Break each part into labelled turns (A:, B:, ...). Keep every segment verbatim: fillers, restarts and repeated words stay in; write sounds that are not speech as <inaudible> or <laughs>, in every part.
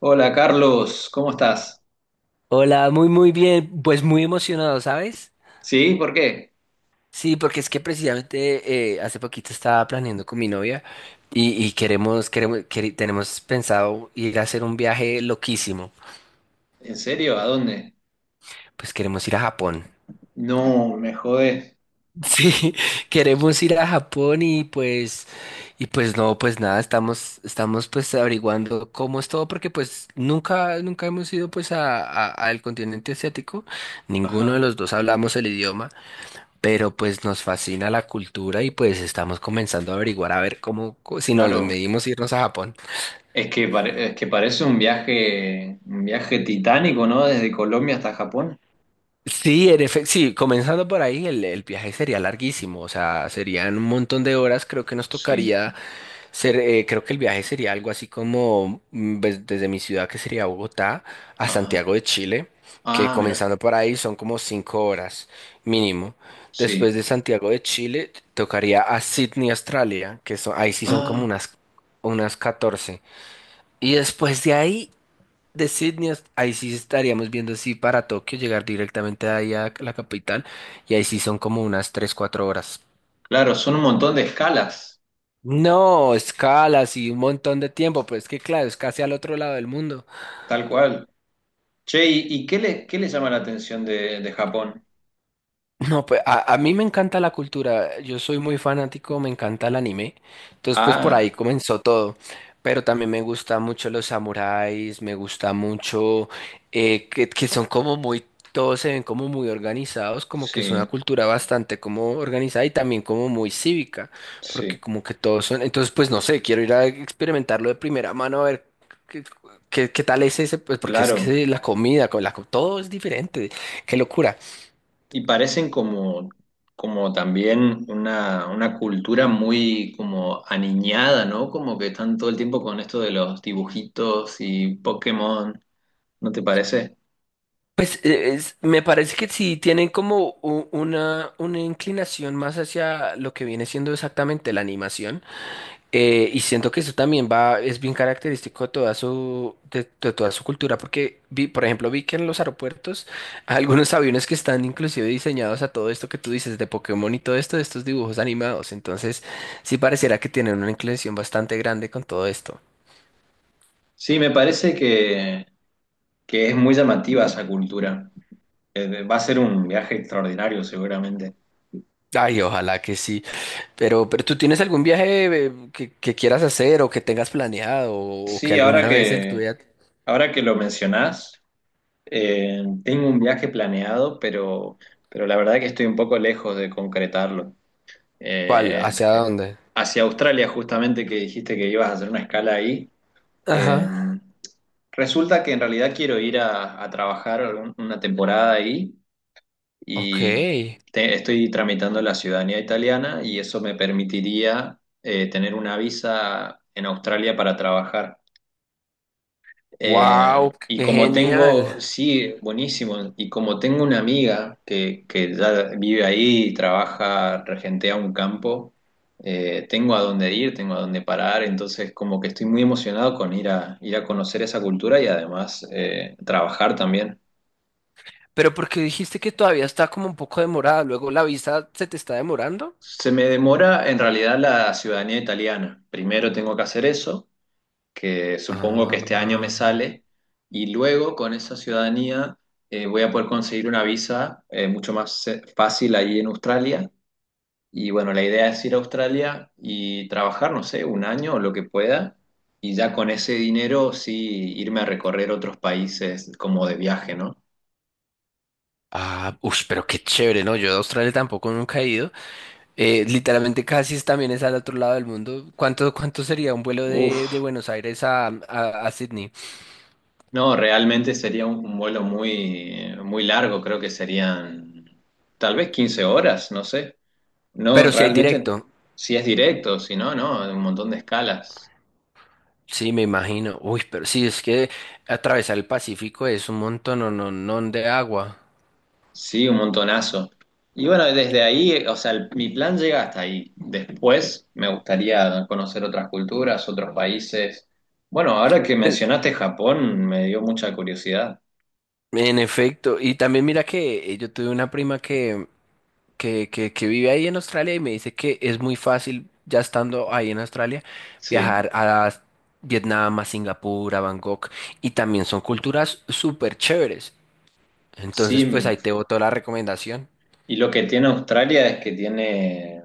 A: Hola Carlos, ¿cómo estás?
B: Hola, muy muy bien, pues muy emocionado, ¿sabes?
A: ¿Sí? ¿Por qué?
B: Sí, porque es que precisamente eh, hace poquito estaba planeando con mi novia y, y queremos, queremos, quere- tenemos pensado ir a hacer un viaje loquísimo,
A: ¿En serio? ¿A dónde?
B: pues queremos ir a Japón.
A: No, me jodés.
B: Sí, <laughs> queremos ir a Japón y pues, y pues no, pues nada, estamos, estamos pues averiguando cómo es todo, porque pues nunca, nunca hemos ido pues a, a- al continente asiático, ninguno de
A: Ajá,
B: los dos hablamos el idioma. Pero pues nos fascina la cultura y pues estamos comenzando a averiguar a ver cómo, co- si nos los
A: claro.
B: medimos irnos a Japón.
A: Es que, pare- es que parece un viaje, un viaje titánico, ¿no? Desde Colombia hasta Japón.
B: Sí, en efecto, sí, comenzando por ahí, el, el viaje sería larguísimo, o sea, serían un montón de horas, creo que nos
A: Sí.
B: tocaría ser, eh, creo que el viaje sería algo así como mm, ves- desde mi ciudad, que sería Bogotá, a
A: Ajá.
B: Santiago de Chile, que
A: Ah, mira.
B: comenzando por ahí son como cinco horas mínimo. Después
A: Sí.
B: de Santiago de Chile, tocaría a Sydney, Australia, que son, ahí sí son como
A: Ah,
B: unas, unas catorce. Y después de ahí, de Sydney, es- ahí sí estaríamos viendo si para Tokio, llegar directamente ahí a la capital, y ahí sí son como unas tres cuatro horas.
A: claro, son un montón de escalas,
B: No, escalas y un montón de tiempo, pues es que claro, es casi al otro lado del mundo.
A: tal cual. Che, ¿y, y qué le, qué le llama la atención de, de Japón?
B: No, pues a, a mí me encanta la cultura, yo soy muy fanático, me encanta el anime, entonces pues por
A: Ah,
B: ahí comenzó todo, pero también me gusta mucho los samuráis, me gusta mucho eh, que, que son como muy, todos se ven como muy organizados, como que es una
A: sí,
B: cultura bastante como organizada y también como muy cívica, porque
A: sí,
B: como que todos son, entonces pues no sé, quiero ir a experimentarlo de primera mano a ver qué, qué- qué tal es ese, pues porque es
A: claro.
B: que la comida, con la, co- todo es diferente, qué locura.
A: Y parecen como, como también una, una cultura muy como aniñada, ¿no? Como que están todo el tiempo con esto de los dibujitos y Pokémon, ¿no te parece?
B: Pues eh, es- me parece que sí tienen como u- una, una inclinación más hacia lo que viene siendo exactamente la animación. Eh, y siento que eso también va, es bien característico de toda su, de, de toda su cultura, porque vi, por ejemplo, vi que en los aeropuertos <laughs> hay algunos aviones que están inclusive diseñados a todo esto que tú dices de Pokémon y todo esto, de estos dibujos animados. Entonces, sí pareciera que tienen una inclinación bastante grande con todo esto.
A: Sí, me parece que, que es muy llamativa esa cultura. Eh, va a ser un viaje extraordinario seguramente.
B: Ay, ojalá que sí. Pero, pero ¿tú tienes algún viaje eh, que, que quieras hacer o que tengas planeado o, que
A: Sí, ahora
B: alguna vez en tu
A: que,
B: vida...
A: ahora que lo mencionás, eh, tengo un viaje planeado, pero, pero la verdad que estoy un poco lejos de concretarlo.
B: ¿Cuál?
A: Eh,
B: ¿Hacia dónde?
A: hacia Australia, justamente que dijiste que ibas a hacer una escala ahí. eh,
B: Ajá.
A: Resulta que en realidad quiero ir a, a trabajar algún- una temporada ahí
B: Ok.
A: y te- estoy tramitando la ciudadanía italiana y eso me permitiría eh, tener una visa en Australia para trabajar. Eh,
B: Wow,
A: y
B: qué
A: como
B: genial.
A: tengo, sí, buenísimo, y como tengo una amiga que, que ya vive ahí y trabaja, regentea un campo, eh, tengo a dónde ir, tengo a dónde parar, entonces como que estoy muy emocionado con ir a, ir a conocer esa cultura y además eh, trabajar también.
B: Pero ¿por qué dijiste que todavía está como un poco demorada? ¿Luego la visa se te está demorando?
A: Se me demora en realidad la ciudadanía italiana. Primero tengo que hacer eso que supongo que
B: Ah,
A: este año me sale, y luego con esa ciudadanía eh, voy a poder conseguir una visa eh, mucho más eh, fácil ahí en Australia. Y bueno, la idea es ir a Australia y trabajar, no sé, un año o lo que pueda, y ya con ese dinero sí irme a recorrer otros países como de viaje, ¿no?
B: ah, ush, pero qué chévere, ¿no? Yo de Australia tampoco nunca he ido. Eh, literalmente casi es- también es al otro lado del mundo. ¿Cuánto, cuánto sería un vuelo
A: Uf,
B: de, de Buenos Aires a, a, a Sydney?
A: no, realmente sería un, un vuelo muy, muy largo, creo que serían tal vez quince horas, no sé. No,
B: Pero si hay
A: realmente,
B: directo.
A: si es directo, si no, no, un montón de escalas.
B: Sí, me imagino. Uy, pero sí, es que atravesar el Pacífico es un montón, no, no, no de agua.
A: Sí, un montonazo. Y bueno, desde ahí, eh, o sea, el- mi plan llega hasta ahí. Después me gustaría conocer otras culturas, otros países. Bueno, ahora que
B: Pues,
A: mencionaste Japón, me dio mucha curiosidad.
B: en efecto, y también mira que eh, yo tuve una prima que, que, que, que vive ahí en Australia y me dice que es muy fácil, ya estando ahí en Australia,
A: Sí,
B: viajar a Vietnam, a Singapur, a Bangkok, y también son culturas súper chéveres. Entonces, pues
A: sí.
B: ahí te boto la recomendación.
A: Y lo que tiene Australia es que tiene,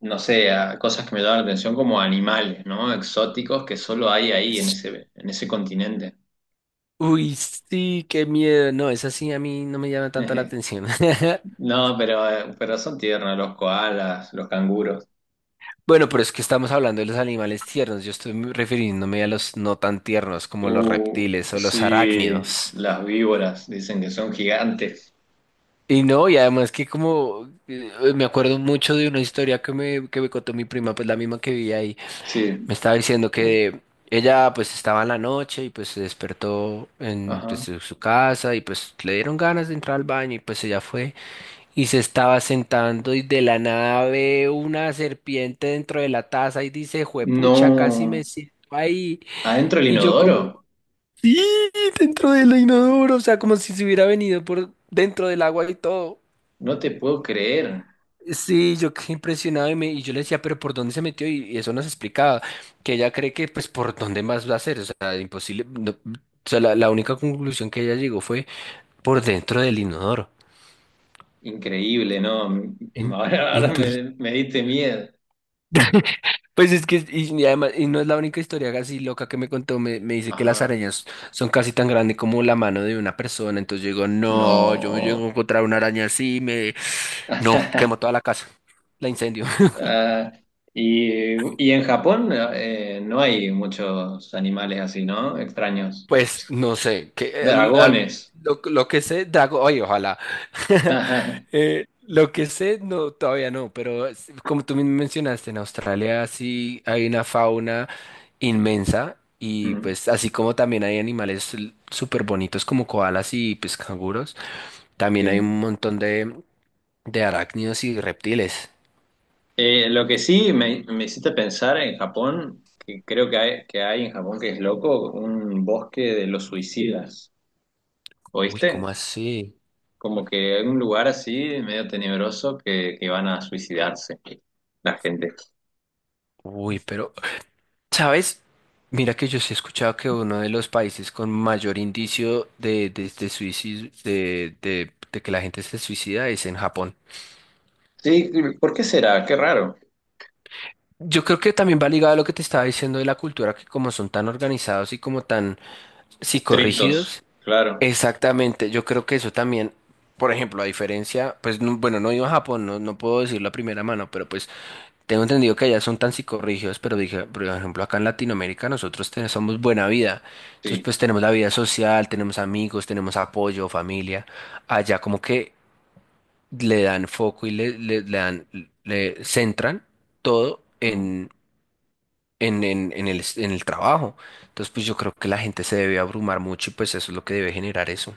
A: no sé, a- cosas que me llaman la atención como animales, ¿no? Exóticos que solo hay ahí en ese, en ese continente.
B: Uy, sí, qué miedo. No, esa sí a mí no me llama tanto la
A: <laughs>
B: atención. <laughs>
A: No, pero, eh, pero son tiernos los koalas, los canguros.
B: Bueno, pero es que estamos hablando de los animales tiernos. Yo estoy me- refiriéndome a los no tan tiernos, como los
A: Uh,
B: reptiles o los
A: sí,
B: arácnidos.
A: las víboras dicen que son gigantes.
B: Y no, y además que como eh, me acuerdo mucho de una historia que me, que me contó mi prima, pues la misma que vivía ahí, me
A: Sí.
B: estaba diciendo que ella pues estaba en la noche y pues se despertó en pues,
A: Ajá.
B: su su casa y pues le dieron ganas de entrar al baño y pues ella fue y se estaba sentando y de la nada ve una serpiente dentro de la taza y dice, juepucha, casi me
A: No.
B: siento ahí.
A: ¿Adentro el
B: Y yo como,
A: inodoro?
B: sí, dentro del inodoro, o sea, como si se hubiera venido por dentro del agua y todo.
A: No te puedo creer.
B: Sí, yo quedé impresionado y, me, y yo le decía, pero ¿por dónde se metió? Y, y eso nos explicaba, que ella cree que pues por dónde más va a ser, o sea, imposible. no- o sea, la, la única conclusión que ella llegó fue por dentro del inodoro.
A: Increíble, ¿no? <laughs> M-
B: En-
A: Ahora, ahora
B: entonces
A: me, me diste miedo.
B: pues es que, y, y además, y no es la única historia así loca que me contó, me, me dice que las
A: Ajá.
B: arañas son casi tan grandes como la mano de una persona, entonces yo digo, no, yo me llego
A: No.
B: a encontrar una araña así, me... No, quemo toda
A: <laughs>
B: la casa, la incendio.
A: Ah, y, y en Japón eh, no hay muchos animales así, ¿no? Extraños.
B: Pues no sé, que al- al-
A: Dragones.
B: lo, lo que sé, Dragon, oye, ojalá.
A: <laughs>
B: <laughs>
A: Ajá.
B: Eh, lo que sé, no, todavía no, pero es- como tú mismo mencionaste, en Australia sí hay una fauna inmensa y
A: Mm,
B: pues así como también hay animales l- súper bonitos como koalas y pues canguros, también hay
A: sí.
B: un montón de, de arácnidos y reptiles.
A: Eh, lo que sí me, me hiciste pensar en Japón, que creo que hay, que hay en Japón que es loco, un bosque de los suicidas.
B: Uy, ¿cómo
A: ¿Oíste?
B: así?
A: Como que hay un lugar así, medio tenebroso, que, que van a suicidarse la gente.
B: Uy, pero ¿sabes? Mira que yo sí he escuchado que uno de los países con mayor indicio de, de, de suicidio, de, de, de que la gente se suicida es en Japón.
A: Sí, ¿por qué será? Qué raro.
B: Yo creo que también va ligado a lo que te estaba diciendo de la cultura, que como son tan organizados y como tan
A: Estrictos,
B: psicorrígidos,
A: claro,
B: exactamente, yo creo que eso también, por ejemplo, a diferencia, pues no- bueno, no he ido a Japón, no, no puedo decirlo a primera mano, pero pues tengo entendido que allá son tan psicorrígidos, pero dije, por ejemplo, acá en Latinoamérica nosotros te- somos buena vida. Entonces,
A: sí.
B: pues tenemos la vida social, tenemos amigos, tenemos apoyo, familia. Allá como que le dan foco y le, le- le dan, le centran todo
A: Mm.
B: en, en, en, en el, en el trabajo. Entonces, pues yo creo que la gente se debe abrumar mucho y pues eso es lo que debe generar eso.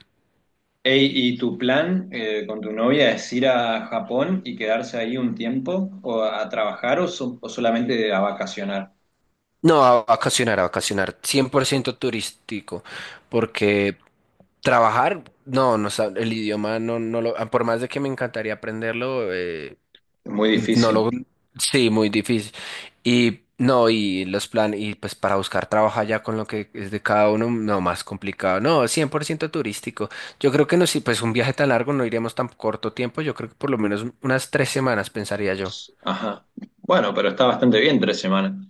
A: Ey, ¿y tu plan eh, con tu novia es ir a Japón y quedarse ahí un tiempo o a trabajar o, so- o solamente a vacacionar?
B: No, a vacacionar, a vacacionar, cien por ciento turístico, porque trabajar, no, no, sab- el idioma no, no lo, por más de que me encantaría aprenderlo, eh,
A: Muy
B: no
A: difícil.
B: lo, sí, muy difícil. Y no, y los planes, y pues para buscar trabajo allá con lo que es de cada uno, no, más complicado. No, cien por ciento turístico. Yo creo que no, si pues un viaje tan largo no iríamos tan corto tiempo, yo creo que por lo menos unas tres semanas, pensaría yo.
A: Ajá. Bueno, pero está bastante bien tres semanas.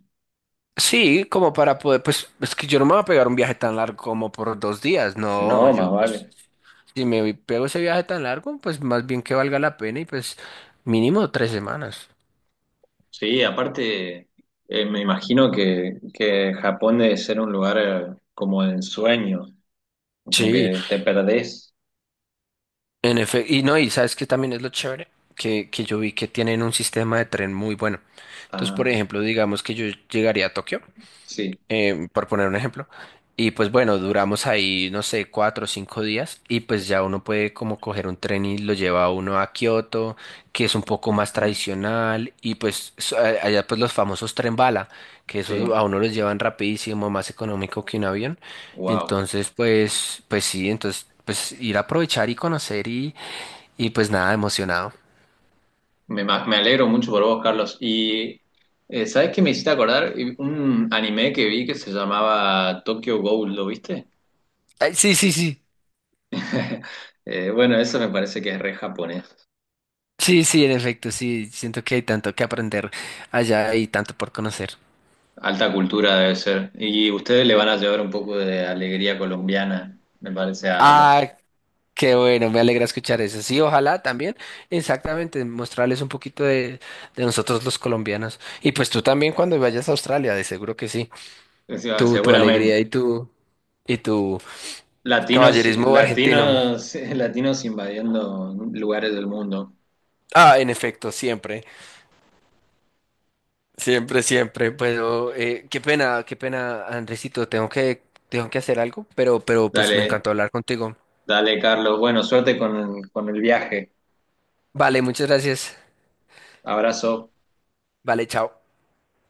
B: Sí, como para poder, pues es que yo no me voy a pegar un viaje tan largo como por dos días, no,
A: No, más
B: yo pues
A: vale.
B: si me pego ese viaje tan largo, pues más bien que valga la pena y pues mínimo tres semanas.
A: Sí, aparte, eh, me imagino que, que Japón debe ser un lugar eh, como de ensueño, como
B: Sí,
A: que te perdés.
B: en efecto, y no, y sabes que también es lo chévere, que, que yo vi que tienen un sistema de tren muy bueno. Entonces, por
A: Ah,
B: ejemplo, digamos que yo llegaría a Tokio.
A: sí,
B: Eh, por poner un ejemplo. Y pues bueno, duramos ahí, no sé, cuatro o cinco días y pues ya uno puede como coger un tren y lo lleva a uno a Kioto, que es un poco más tradicional y pues so- a- allá pues los famosos tren bala, que eso
A: sí.
B: a uno los llevan rapidísimo, más económico que un avión.
A: Wow.
B: Entonces pues, pues sí, entonces pues ir a aprovechar y conocer y, y pues nada, emocionado.
A: Me, ma- me alegro mucho por vos, Carlos. Y, eh, ¿sabés qué me hiciste acordar? Un anime que vi que se llamaba Tokyo Ghoul, ¿lo viste?
B: Ay, sí, sí, sí,
A: <laughs> Eh, bueno, eso me parece que es re japonés.
B: sí, sí, en efecto, sí, siento que hay tanto que aprender allá y tanto por conocer.
A: Alta cultura debe ser. Y ustedes le van a llevar un poco de alegría colombiana, me parece a los-
B: Ah, qué bueno, me alegra escuchar eso. Sí, ojalá también, exactamente, mostrarles un poquito de, de nosotros los colombianos. Y pues tú también cuando vayas a Australia, de seguro que sí.
A: o sea,
B: Tu, tu alegría
A: seguramente.
B: y tu, y tu
A: Latinos,
B: caballerismo argentino.
A: latinos, <laughs> latinos invadiendo lugares del mundo.
B: Ah, en efecto, siempre, siempre, siempre. Pero eh, qué pena, qué pena, Andresito, tengo que, tengo que hacer algo, pero, pero pues me
A: Dale,
B: encantó hablar contigo.
A: dale, Carlos. Bueno, suerte con, con el viaje.
B: Vale, muchas gracias.
A: Abrazo.
B: Vale, chao.